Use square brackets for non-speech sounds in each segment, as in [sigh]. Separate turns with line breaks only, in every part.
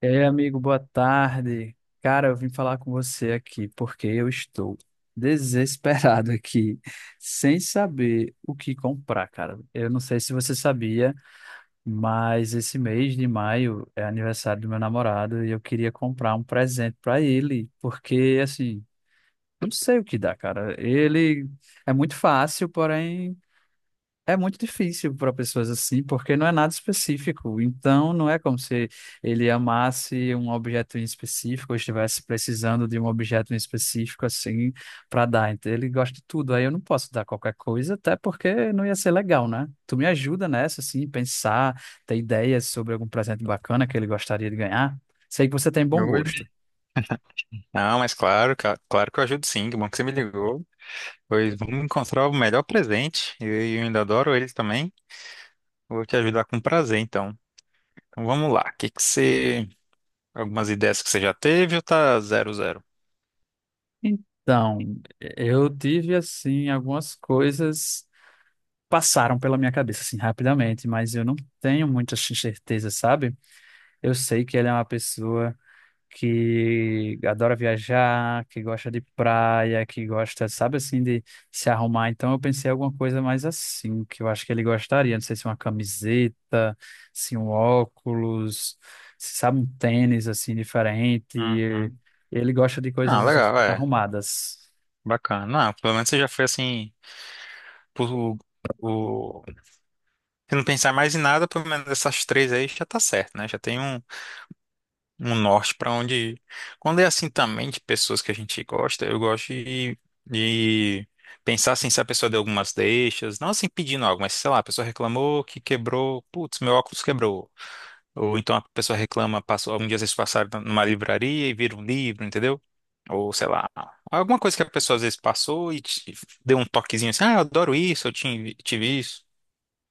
Ei, amigo, boa tarde. Cara, eu vim falar com você aqui porque eu estou [laughs] desesperado aqui, sem saber o que comprar, cara. Eu não sei se você sabia, mas esse mês de maio é aniversário do meu namorado e eu queria comprar um presente para ele, porque assim, eu não sei o que dá, cara. Ele é muito fácil, porém. É muito difícil para pessoas assim, porque não é nada específico. Então, não é como se ele amasse um objeto em específico ou estivesse precisando de um objeto em específico assim para dar. Então, ele gosta de tudo. Aí eu não posso dar qualquer coisa, até porque não ia ser legal, né? Tu me ajuda nessa, assim, pensar, ter ideias sobre algum presente bacana que ele gostaria de ganhar. Sei que você tem bom
Oi.
gosto.
Não, mas claro, claro que eu ajudo sim, que bom que você me ligou. Pois vamos encontrar o melhor presente. E eu ainda adoro ele também. Vou te ajudar com prazer, então. Então vamos lá. Que você. Algumas ideias que você já teve ou tá zero zero?
Então, eu tive assim algumas coisas passaram pela minha cabeça, assim, rapidamente, mas eu não tenho muita certeza, sabe? Eu sei que ele é uma pessoa que adora viajar, que gosta de praia, que gosta, sabe, assim, de se arrumar. Então eu pensei em alguma coisa mais assim, que eu acho que ele gostaria. Não sei se uma camiseta, se um óculos, se sabe, um tênis, assim, diferente.
Uhum.
Ele gosta de
Ah,
coisas
legal, é.
arrumadas.
Bacana. Não, pelo menos você já foi assim. Por, o... Se não pensar mais em nada, pelo menos essas três aí já tá certo, né? Já tem Um norte pra onde ir. Quando é assim também de pessoas que a gente gosta, eu gosto de pensar assim, se a pessoa deu algumas deixas, não assim pedindo algo, mas sei lá, a pessoa reclamou que quebrou, putz, meu óculos quebrou. Ou então a pessoa reclama, passou, algum dia vocês passaram numa livraria e viram um livro, entendeu? Ou sei lá, alguma coisa que a pessoa às vezes passou e te deu um toquezinho assim, ah, eu adoro isso, eu tive isso.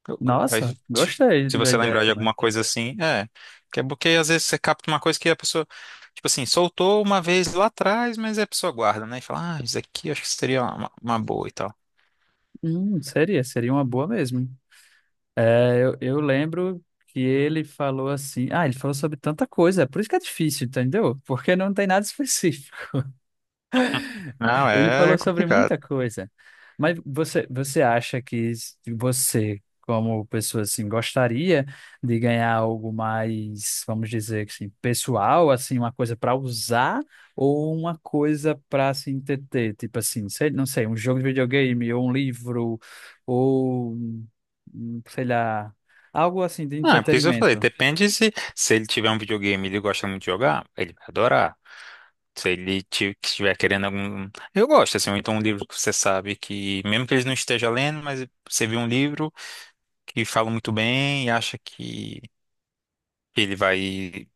Eu- Aí,
Nossa,
ti-
gostei
se
da
você
ideia
lembrar de
também.
alguma coisa assim, é. Que é porque às vezes você capta uma coisa que a pessoa, tipo assim, soltou uma vez lá atrás, mas a pessoa guarda, né? E fala, ah, isso aqui acho que seria uma boa e tal.
Seria uma boa mesmo. Eu lembro que ele falou assim. Ah, ele falou sobre tanta coisa, é por isso que é difícil, entendeu? Porque não tem nada [laughs] específico.
Não,
Ele falou
é
sobre
complicado.
muita coisa. Mas você acha que você, como pessoa assim, gostaria de ganhar algo mais, vamos dizer assim, pessoal, assim, uma coisa para usar ou uma coisa para se entreter, tipo assim, sei, não sei, um jogo de videogame ou um livro ou um, sei lá, algo assim de
Ah, é por isso que eu falei,
entretenimento.
depende se ele tiver um videogame e ele gosta muito de jogar, ele vai adorar. Se ele estiver querendo algum. Eu gosto, assim, ou então um livro que você sabe que, mesmo que ele não esteja lendo, mas você viu um livro que fala muito bem e acha que ele vai.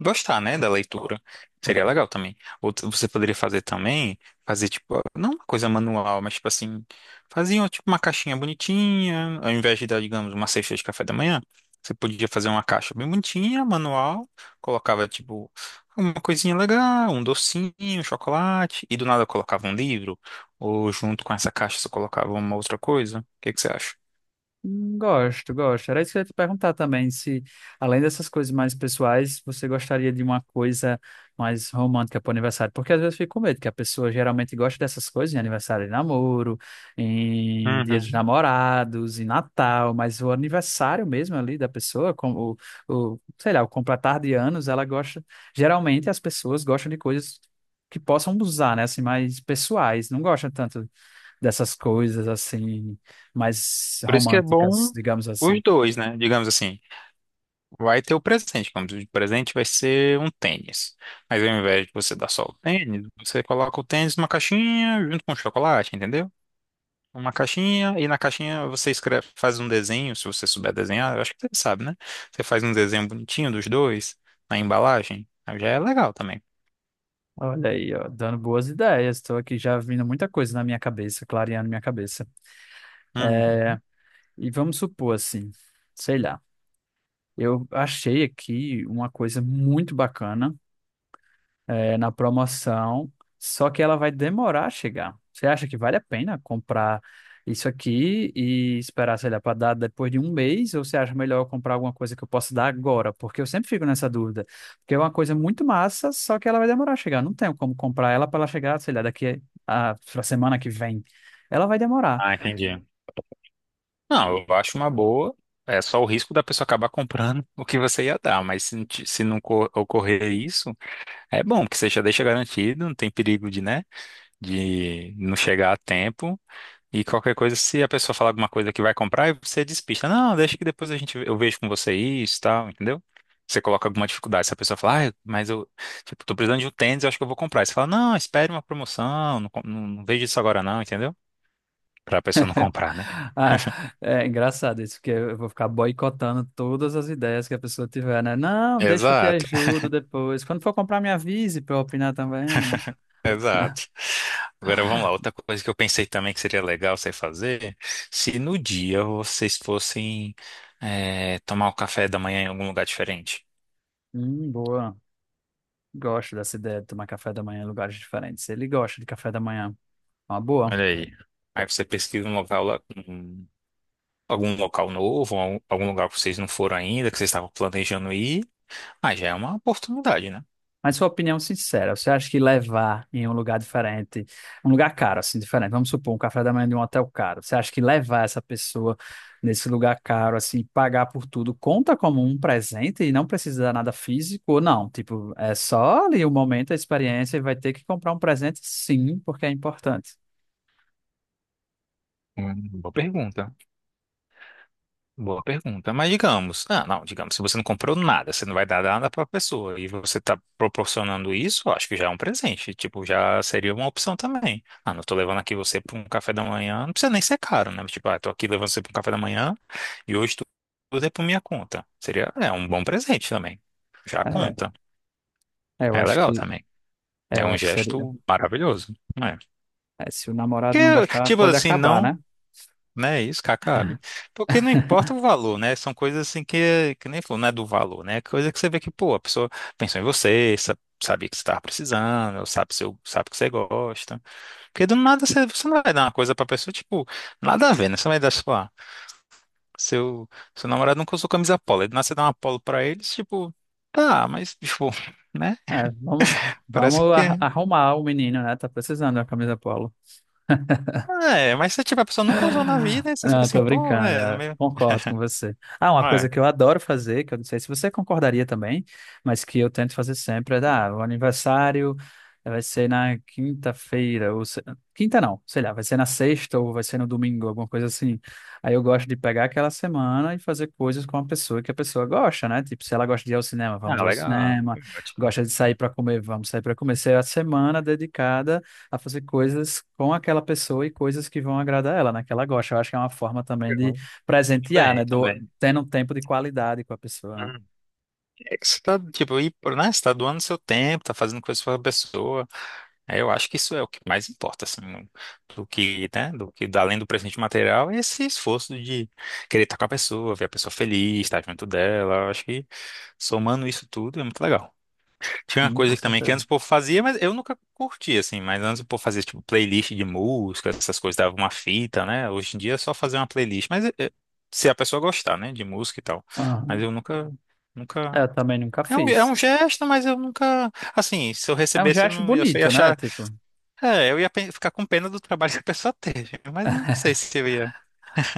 gostar, né, da leitura. Seria legal também. Outra, você poderia fazer também, fazer tipo, não uma coisa manual, mas tipo assim, faziam tipo uma caixinha bonitinha, ao invés de dar, digamos, uma cesta de café da manhã, você podia fazer uma caixa bem bonitinha, manual, colocava tipo uma coisinha legal, um docinho, um chocolate, e do nada colocava um livro, ou junto com essa caixa você colocava uma outra coisa. O que que você acha?
Gosto, gosto. Era isso que eu ia te perguntar também, se além dessas coisas mais pessoais, você gostaria de uma coisa mais romântica para o aniversário? Porque às vezes eu fico com medo que a pessoa geralmente gosta dessas coisas em aniversário de namoro, em Dia dos
Uhum.
Namorados, em Natal, mas o aniversário mesmo ali da pessoa, como o, sei lá, o completar de anos, ela gosta, geralmente as pessoas gostam de coisas que possam usar, né, assim, mais pessoais, não gostam tanto dessas coisas assim, mais
Por isso que é
românticas,
bom
digamos
os
assim.
dois, né? Digamos assim. Vai ter o presente, como tu o presente vai ser um tênis. Mas ao invés de você dar só o tênis, você coloca o tênis numa caixinha junto com o chocolate, entendeu? Uma caixinha, e na caixinha você escreve, faz um desenho, se você souber desenhar, eu acho que você sabe, né? Você faz um desenho bonitinho dos dois na embalagem, aí já é legal também.
Olha aí, ó, dando boas ideias. Estou aqui já vindo muita coisa na minha cabeça, clareando minha cabeça.
Uhum.
E vamos supor assim, sei lá, eu achei aqui uma coisa muito bacana é, na promoção, só que ela vai demorar a chegar. Você acha que vale a pena comprar isso aqui e esperar, sei lá, para dar depois de um mês? Ou você acha melhor eu comprar alguma coisa que eu possa dar agora? Porque eu sempre fico nessa dúvida. Porque é uma coisa muito massa, só que ela vai demorar a chegar. Não tenho como comprar ela para ela chegar, sei lá, daqui a semana que vem. Ela vai demorar.
Ah, entendi. Não, eu acho uma boa. É só o risco da pessoa acabar comprando [laughs] o que você ia dar, mas se, não ocorrer isso, é bom, porque você já deixa garantido, não tem perigo de, né? De não chegar a tempo. E qualquer coisa, se a pessoa falar alguma coisa que vai comprar, aí você despista. Não, deixa que depois a gente, eu vejo com você isso e tal, entendeu? Você coloca alguma dificuldade. Se a pessoa falar, ah, mas eu, tipo, tô precisando de um tênis, eu acho que eu vou comprar. Aí você fala, não, espere uma promoção, não, não, não vejo isso agora não, entendeu? Pra pessoa não comprar, né?
[laughs] Ah, é engraçado isso, porque eu vou ficar boicotando todas as ideias que a pessoa tiver, né? Não, deixa que eu te
Exato,
ajudo depois. Quando for comprar, me avise para eu opinar também, né?
[laughs] exato. Agora vamos lá, outra coisa que eu pensei também que seria legal você fazer, se no dia vocês fossem tomar o café da manhã em algum lugar diferente.
Boa. Gosto dessa ideia de tomar café da manhã em lugares diferentes. Ele gosta de café da manhã. Uma boa.
Olha aí. Aí você pesquisa um local lá, um- algum local novo, algum lugar que vocês não foram ainda, que vocês estavam planejando ir. Ah, já é uma oportunidade, né?
Mas sua opinião sincera, você acha que levar em um lugar diferente, um lugar caro, assim, diferente, vamos supor, um café da manhã de um hotel caro, você acha que levar essa pessoa nesse lugar caro, assim, pagar por tudo, conta como um presente e não precisa dar nada físico ou não? Tipo, é só ali o momento, a experiência e vai ter que comprar um presente, sim, porque é importante.
Uma boa pergunta. Boa pergunta. Mas digamos, ah, não, digamos, se você não comprou nada, você não vai dar nada para a pessoa e você está proporcionando isso, eu acho que já é um presente. Tipo, já seria uma opção também. Ah, não tô levando aqui você para um café da manhã, não precisa nem ser caro, né? Tipo, ah, tô aqui levando você para um café da manhã e hoje tu tudo é por minha conta. Seria, é um bom presente também. Já
É,
conta.
eu
É
acho
legal
que,
também.
é,
É
eu
um
acho que seria.
gesto maravilhoso, né?
É, se o namorado não
Que,
gostar,
tipo
pode
assim,
acabar,
não.
né?
Né, isso que acabe. Porque não importa o
[laughs]
valor, né? São coisas assim que, nem falou, não é do valor, né? Coisa que você vê que, pô, a pessoa pensou em você, sabia que você estava precisando, ou sabe, seu, sabe que você gosta. Porque do nada você não vai dar uma coisa pra pessoa, tipo, nada a ver, né? Você vai dar, sei lá, seu, seu namorado nunca usou camisa polo, aí do nada você dá uma polo pra eles, tipo, tá, mas, tipo, [laughs] né?
É, vamos,
Parece
vamos
que.
arrumar o menino, né? Tá precisando da camisa polo.
É, mas se tipo, a pessoa nunca usou na vida, aí você fica
Não,
assim,
tô
pô,
brincando,
é,
é,
meio.
concordo com
[laughs]
você. Ah, uma coisa
É.
que eu adoro fazer, que eu não sei se você concordaria também, mas que eu tento fazer sempre é dar, ah, o aniversário vai ser na quinta-feira, ou quinta não, sei lá, vai ser na sexta ou vai ser no domingo, alguma coisa assim. Aí eu gosto de pegar aquela semana e fazer coisas com a pessoa que a pessoa gosta, né? Tipo, se ela gosta de ir ao cinema,
Ah,
vamos ao
legal.
cinema, gosta de sair para comer, vamos sair para comer. Se é a semana dedicada a fazer coisas com aquela pessoa e coisas que vão agradar ela, né? Que ela gosta. Eu acho que é uma forma também de presentear, né?
Bem,
Do,
também.
tendo um tempo de qualidade com a pessoa, né?
Hum. É que você tá, tipo, e, né? Você tá doando seu tempo, tá fazendo coisas pra pessoa. Aí eu acho que isso é o que mais importa, assim, do que, né? Do que, além do presente material, é esse esforço de querer estar com a pessoa, ver a pessoa feliz, estar junto dela. Eu acho que somando isso tudo é muito legal. Tinha uma
Sim,
coisa
com
que também que
certeza.
antes o povo fazia, mas eu nunca curti, assim. Mas antes o povo fazia, tipo, playlist de música, essas coisas, dava uma fita, né? Hoje em dia é só fazer uma playlist. Mas se a pessoa gostar, né, de música e tal. Mas
Aham.
eu nunca, nunca...
Eu também nunca
É um, é
fiz.
um gesto, mas eu nunca... Assim, se eu
É um
recebesse, eu,
gesto
não, eu só ia
bonito, né?
achar...
Tipo.
É, eu ia ficar com pena do trabalho [laughs] que a pessoa teve. Mas não sei
[laughs]
se eu ia...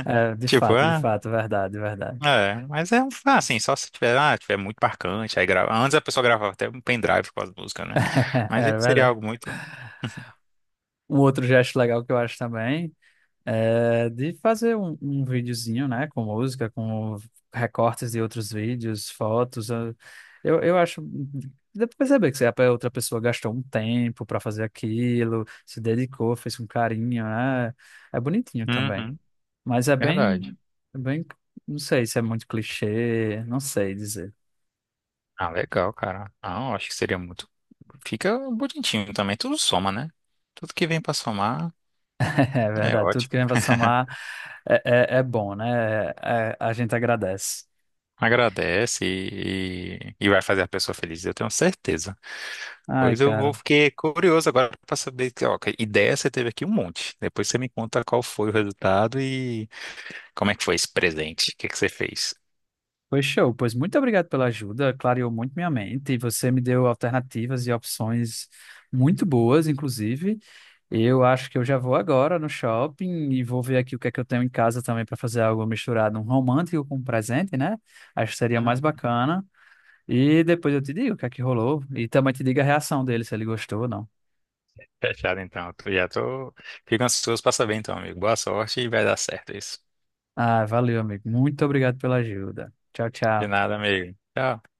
É,
Tipo,
de
ah...
fato, verdade, verdade.
É, mas é um, ah, assim, só se tiver, ah, tiver muito marcante, aí grava. Antes a pessoa gravava até um pendrive com as músicas, né?
[laughs]
Mas
É
esse seria
verdade.
algo muito.
Um outro gesto legal que eu acho também. É, de fazer um, um videozinho, né, com música, com recortes de outros vídeos, fotos. Eu acho. Dá pra perceber que se a outra pessoa gastou um tempo para fazer aquilo, se dedicou, fez com carinho, né? É bonitinho também.
Uhum,
Mas é
verdade.
bem, não sei se é muito clichê, não sei dizer.
Ah, legal, cara. Não, acho que seria muito. Fica bonitinho também, tudo soma, né? Tudo que vem pra somar
[laughs] É
é
verdade, tudo que
ótimo.
vem pra somar
[laughs]
é, é bom, né? É- é- a gente agradece.
Agradece e vai fazer a pessoa feliz, eu tenho certeza.
Ai,
Pois eu vou
cara.
fiquei curioso agora pra saber que, ó, que ideia você teve aqui um monte. Depois você me conta qual foi o resultado e como é que foi esse presente, o que que você fez.
Foi show, pois muito obrigado pela ajuda, clareou muito minha mente e você me deu alternativas e opções muito boas, inclusive. Eu acho que eu já vou agora no shopping e vou ver aqui o que é que eu tenho em casa também para fazer algo misturado, um romântico com um presente, né? Acho que seria mais
Hum,
bacana. E depois eu te digo o que é que rolou e também te digo a reação dele, se ele gostou ou não.
fechado então. Já tô. Fico ansioso pra saber então, amigo. Boa sorte e vai dar certo isso.
Ah, valeu, amigo. Muito obrigado pela ajuda. Tchau,
De
tchau.
nada, amigo. Tchau.